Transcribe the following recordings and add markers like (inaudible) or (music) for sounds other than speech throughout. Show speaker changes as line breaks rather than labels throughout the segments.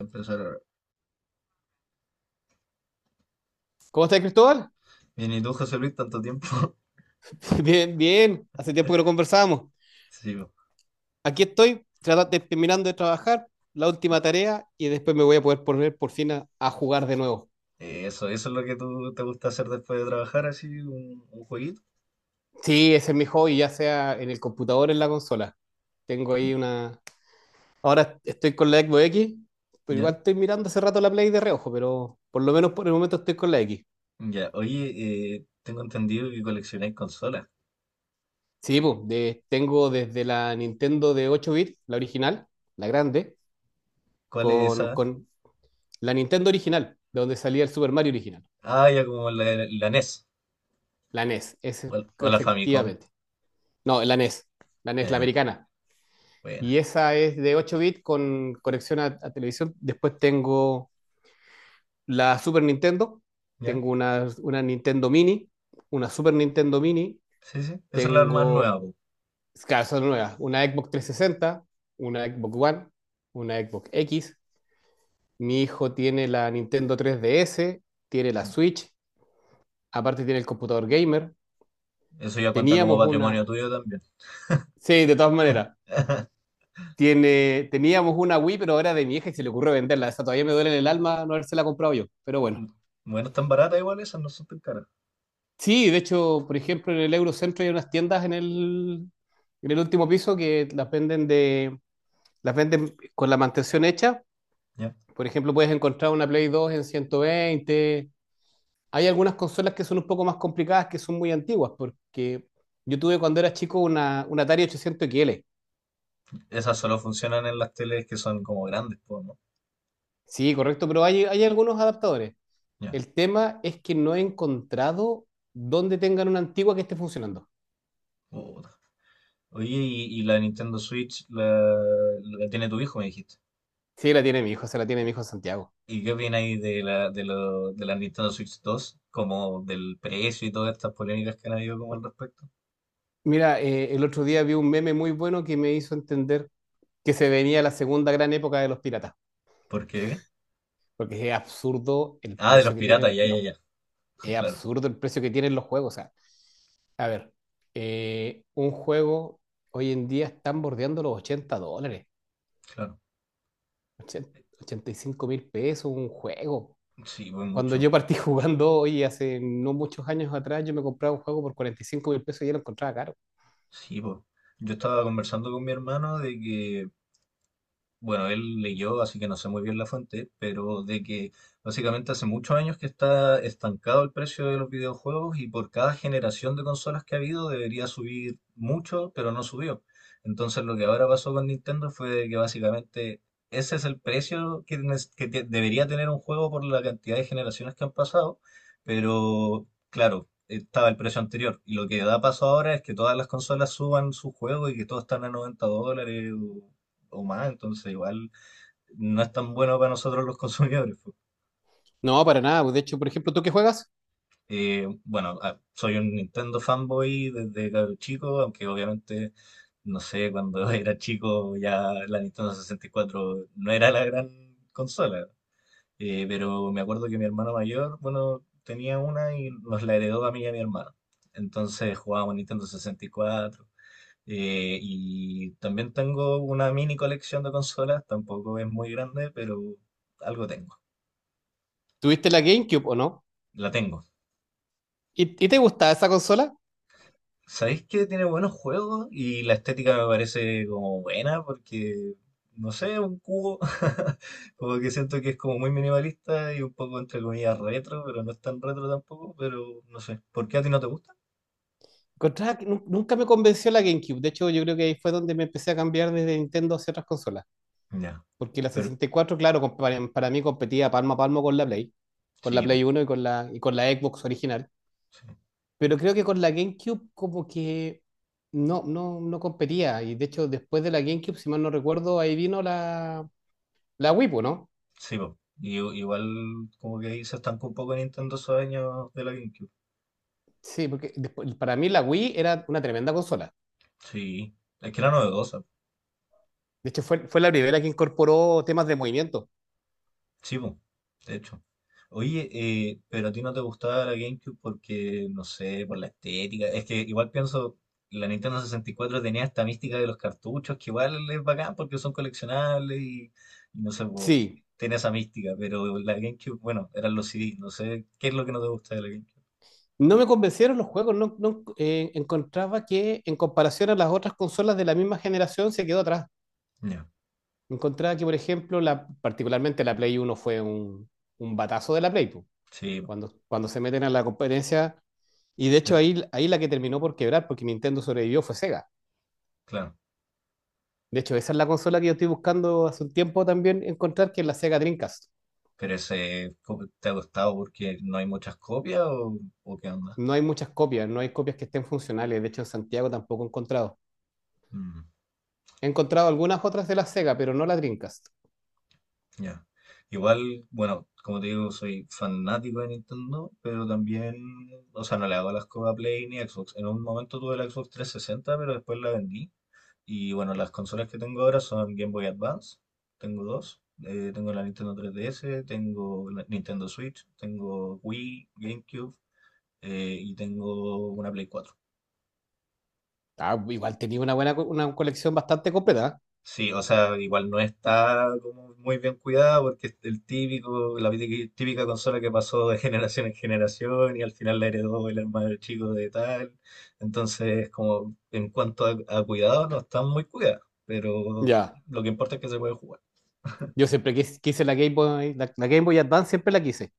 Empezar. Ahora.
¿Cómo estás, Cristóbal?
Bien, ¿y tú, José Luis, tanto tiempo? (laughs)
(laughs) Bien, bien. Hace tiempo que no conversábamos.
Sí, po.
Aquí estoy, terminando de trabajar, la última tarea, y después me voy a poder poner por fin a jugar de nuevo.
Eso es lo que tú te gusta hacer después de trabajar, así, un jueguito.
Sí, ese es mi hobby, ya sea en el computador o en la consola. Tengo ahí una. Ahora estoy con la Xbox X, pero igual
Ya,
estoy mirando hace rato la Play de reojo, pero por lo menos por el momento estoy con la X.
ya. Oye, tengo entendido que coleccionáis consolas.
Sí, pues, tengo desde la Nintendo de 8 bits, la original, la grande,
¿Cuál es
con,
esa?
con la Nintendo original, de donde salía el Super Mario original.
Ah, ya como la NES
La NES, es
o la Famicom.
efectivamente. No, la NES, la
Eh,
americana.
bueno,
Y esa es de 8 bits con conexión a televisión. Después tengo la Super Nintendo,
ya.
tengo una Nintendo Mini, una Super Nintendo Mini,
Sí, sí. Esa es la más nueva,
tengo,
po.
claro, son nuevas, una Xbox 360, una Xbox One, una Xbox X. Mi hijo tiene la Nintendo 3DS, tiene la Switch, aparte tiene el computador gamer.
Eso ya cuenta como
Teníamos una.
patrimonio tuyo también.
Sí, de todas maneras.
(laughs)
Teníamos una Wii, pero era de mi hija y se le ocurrió venderla. Esa todavía me duele en el alma no haberse la comprado yo, pero bueno.
Bueno, están baratas igual esas, no son tan caras.
Sí, de hecho, por ejemplo, en el Eurocentro hay unas tiendas en el último piso que las venden con la mantención hecha.
Ya.
Por ejemplo, puedes encontrar una Play 2 en 120. Hay algunas consolas que son un poco más complicadas, que son muy antiguas, porque yo tuve cuando era chico una Atari 800 XL.
Esas solo funcionan en las teles que son como grandes, po, ¿no?
Sí, correcto, pero hay algunos adaptadores. El tema es que no he encontrado dónde tengan una antigua que esté funcionando.
Ya. Oye, y la Nintendo Switch la tiene tu hijo, me dijiste.
Sí, la tiene mi hijo, se la tiene mi
¿Y,
hijo Santiago.
y qué opináis de la Nintendo Switch 2? Como del precio y todas estas polémicas que han habido como al respecto.
Mira, el otro día vi un meme muy bueno que me hizo entender que se venía la segunda gran época de los piratas,
¿Por qué?
porque
Ah, de los piratas, ya, ya, ya. (laughs)
es
Claro,
absurdo el precio que tienen los juegos. O sea, a ver, un juego hoy en día están bordeando los $80,
claro.
ochenta $85.000 un juego.
Sí, pues
Cuando
mucho.
yo partí (laughs) jugando, hoy hace no muchos años atrás, yo me compraba un juego por 45 mil pesos y ya lo encontraba caro.
Sí, pues. Yo estaba conversando con mi hermano de que bueno, él leyó, así que no sé muy bien la fuente, pero de que básicamente hace muchos años que está estancado el precio de los videojuegos y por cada generación de consolas que ha habido debería subir mucho, pero no subió. Entonces lo que ahora pasó con Nintendo fue de que básicamente ese es el precio que debería tener un juego por la cantidad de generaciones que han pasado, pero claro. Estaba el precio anterior. Y lo que da paso ahora es que todas las consolas suban su juego y que todo están a $90 o más, entonces igual no es tan bueno para nosotros los consumidores, pues.
No, para nada, pues. De hecho, por ejemplo, ¿tú qué juegas?
Bueno, soy un Nintendo fanboy desde cabro chico, aunque obviamente, no sé, cuando (laughs) era chico ya la Nintendo 64 no era la gran consola. Pero me acuerdo que mi hermano mayor, bueno, tenía una y nos la heredó a mí y a mi hermano. Entonces jugábamos Nintendo 64. Y también tengo una mini colección de consolas, tampoco es muy grande, pero algo tengo.
¿Tuviste la GameCube o no?
La tengo.
¿Y te gustaba esa consola?
¿Sabéis que tiene buenos juegos? Y la estética me parece como buena porque, no sé, un cubo. (laughs) Como que siento que es como muy minimalista y un poco entre comillas retro, pero no es tan retro tampoco, pero no sé. ¿Por qué a ti no te gusta?
Encontraba que nunca me convenció la GameCube. De hecho, yo creo que ahí fue donde me empecé a cambiar desde Nintendo hacia otras consolas.
Ya.
Porque la
Pero
64, claro, para mí competía palmo a palmo con la Play. Con la
sí, po,
Play 1 y y con la Xbox original.
sí,
Pero creo que con la GameCube como que no competía. Y de hecho, después de la GameCube, si mal no recuerdo, ahí vino la Wii, pues, ¿no?
sí, po. Igual como que ahí se estancó un poco Nintendo esos años de la GameCube.
Sí, porque para mí la Wii era una tremenda consola.
Sí. Es que era novedosa.
De hecho, fue la primera que incorporó temas de movimiento.
Sí, po, de hecho. Oye, pero a ti no te gustaba la GameCube porque, no sé, por la estética. Es que igual pienso, la Nintendo 64 tenía esta mística de los cartuchos, que igual es bacán porque son coleccionables y no sé, po,
Sí,
tiene esa mística. Pero la GameCube, bueno, eran los CDs. No sé, ¿qué es lo que no te gusta de la GameCube?
no me convencieron los juegos. No, no, encontraba que en comparación a las otras consolas de la misma generación se quedó atrás.
Ya,
Encontraba que, por ejemplo, particularmente la Play 1 fue un batazo de la Play, pues.
sí,
Cuando se meten a la competencia. Y de hecho
el-
ahí la que terminó por quebrar, porque Nintendo sobrevivió, fue Sega.
claro.
De hecho, esa es la consola que yo estoy buscando hace un tiempo también encontrar, que es la Sega Dreamcast.
Pero ese, ¿cómo ¿te ha gustado porque no hay muchas copias o qué onda?
No hay muchas copias, no hay copias que estén funcionales. De hecho, en Santiago tampoco he encontrado. He encontrado algunas otras de la Sega, pero no la Dreamcast.
Ya. Igual, bueno, como te digo, soy fanático de Nintendo, pero también, o sea, no le hago las cosas a Play ni Xbox. En un momento tuve la Xbox 360 pero después la vendí. Y bueno, las consolas que tengo ahora son Game Boy Advance, tengo dos. Tengo la Nintendo 3DS, tengo la Nintendo Switch, tengo Wii, GameCube, y tengo una Play 4.
Ah, igual tenía una buena una colección bastante completa.
Sí, o sea, igual no está como muy bien cuidada porque es el típico, la típica típica consola que pasó de generación en generación y al final la heredó el hermano chico de tal. Entonces, como en cuanto a cuidado, no están muy cuidadas,
¿Eh?
pero
Ya.
lo que importa es que se puede jugar.
Yo siempre quise la Game Boy, la Game Boy Advance, siempre la quise.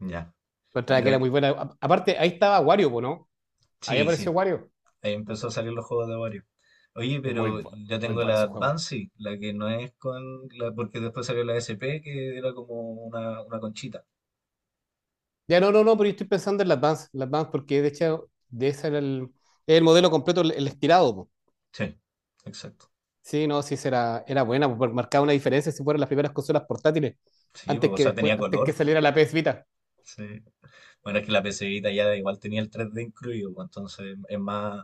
Ya.
Encontraba que
Pero
era muy buena. Aparte, ahí estaba Wario, po, ¿no? Ahí
sí,
apareció
sí,
Wario.
ahí empezó a salir los juegos de Wario. Oye,
Es muy,
pero
bu-
yo
Muy
tengo
bueno
la
ese juego.
Advance, sí, la que no es con la, porque después salió la SP, que era como una conchita.
Ya no, no, no, pero yo estoy pensando en la Advance, porque de hecho, de ese era el modelo completo, el estirado, po.
Sí, exacto.
Sí, no, sí, era buena, po, porque marcaba una diferencia si fueran las primeras consolas portátiles,
Sí, pues, o sea, tenía
antes que
color.
saliera la PS Vita.
Sí. Bueno, es que la pcita ya igual tenía el 3D incluido, pues, entonces es más.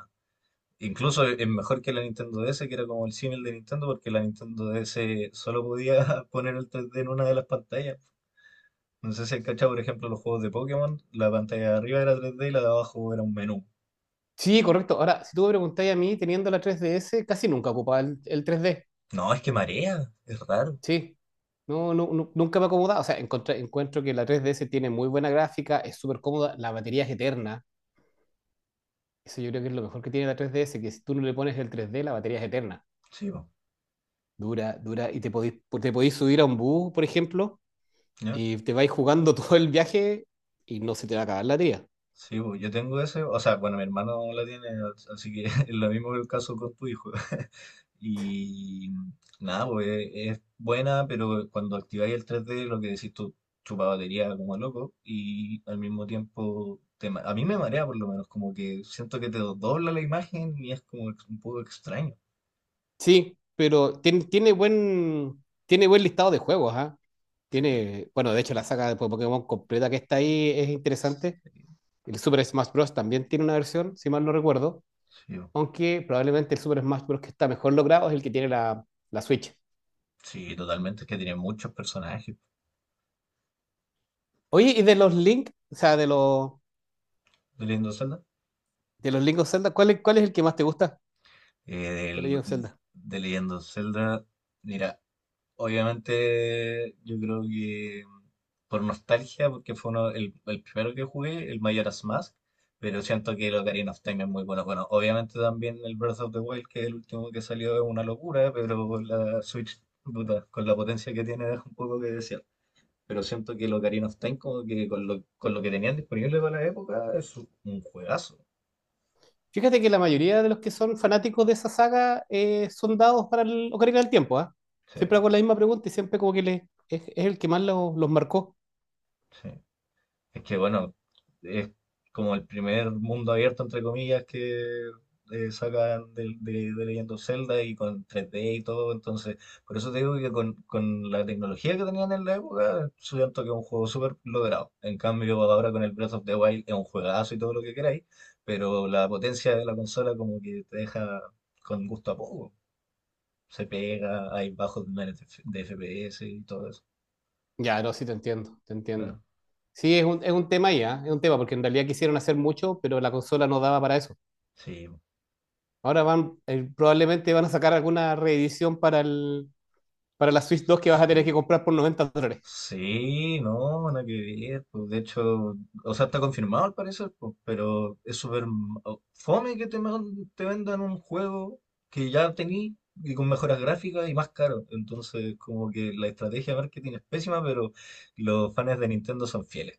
Incluso es mejor que la Nintendo DS, que era como el símil de Nintendo, porque la Nintendo DS solo podía (laughs) poner el 3D en una de las pantallas. No sé si has cachado, por ejemplo, los juegos de Pokémon, la pantalla de arriba era 3D y la de abajo era un menú.
Sí, correcto. Ahora, si tú me preguntáis a mí, teniendo la 3DS, casi nunca ocupaba el 3D.
No, es que marea, es raro.
Sí. No, no, nunca me ha acomodado. O sea, encuentro que la 3DS tiene muy buena gráfica, es súper cómoda, la batería es eterna. Eso yo creo que es lo mejor que tiene la 3DS, que si tú no le pones el 3D, la batería es eterna.
Sí, pues,
Dura, dura. Y te podís subir a un bus, por ejemplo,
¿ya?
y te vais jugando (laughs) todo el viaje y no se te va a acabar la tía.
Sí, pues, yo tengo ese, o sea, bueno, mi hermano la tiene, así que (laughs) es lo mismo que el caso con tu hijo. Y nada, pues es buena, pero cuando activáis el 3D, lo que decís tú, chupa batería como loco. Y al mismo tiempo, a mí me marea por lo menos, como que siento que dobla la imagen y es como un poco extraño.
Sí, pero tiene buen listado de juegos, ¿ah?
Sí,
Tiene, bueno, de hecho la saga de Pokémon completa que está ahí es interesante.
sí,
El Super Smash Bros. También tiene una versión, si mal no recuerdo,
sí, bo.
aunque probablemente el Super Smash Bros. Que está mejor logrado es el que tiene la Switch.
Sí, totalmente, es que tiene muchos personajes
Oye, ¿y de los Link, o sea,
de Legend of Zelda.
de los Link of Zelda, cuál es el que más te gusta
Eh,
de los Link
del-
of Zelda?
Legend of Zelda, mira, obviamente, yo creo que por nostalgia, porque fue uno, el primero que jugué, el Majora's Mask, pero siento que el Ocarina of Time es muy bueno. Bueno, obviamente también el Breath of the Wild, que es el último que salió, es una locura, pero con la Switch, puta, con la potencia que tiene, deja un poco que desear. Pero siento que el Ocarina of Time, como que con lo que tenían disponible para la época, es un juegazo.
Fíjate que la mayoría de los que son fanáticos de esa saga son dados para el Ocarina del Tiempo, ¿ah?
Sí,
Siempre hago la misma pregunta y siempre como que es el que más los marcó.
sí. Es que bueno, es como el primer mundo abierto, entre comillas, que sacan de Legend of Zelda y con 3D y todo. Entonces, por eso te digo que con la tecnología que tenían en la época, siento que es un juego súper logrado. En cambio, ahora con el Breath of the Wild es un juegazo y todo lo que queráis, pero la potencia de la consola como que te deja con gusto a poco. Se pega, hay bajos niveles de de FPS y todo eso.
Ya, no, sí, te entiendo, te entiendo.
Claro.
Sí, es un tema ahí, ¿ah? Es un tema, porque en realidad quisieron hacer mucho, pero la consola no daba para eso.
Sí,
Ahora probablemente van a sacar alguna reedición para la Switch 2 que vas a tener que
sí.
comprar por $90.
Sí, no, nada que ver, pues, de hecho, o sea, está confirmado al parecer, pues, pero es súper fome que te vendan un juego que ya tení y con mejoras gráficas y más caro. Entonces, como que la estrategia de marketing es pésima, pero los fans de Nintendo son fieles.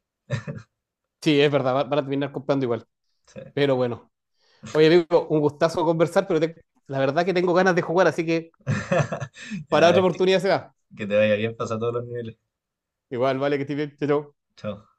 Sí, es verdad, van a terminar comprando igual.
Sí.
Pero bueno. Oye, amigo, un gustazo conversar, pero la verdad que tengo ganas de jugar, así que
(laughs)
para otra
Ya, que,
oportunidad se da.
que te vaya bien, pasa todos los niveles.
Igual, vale, que estés bien. Chao,
Chao.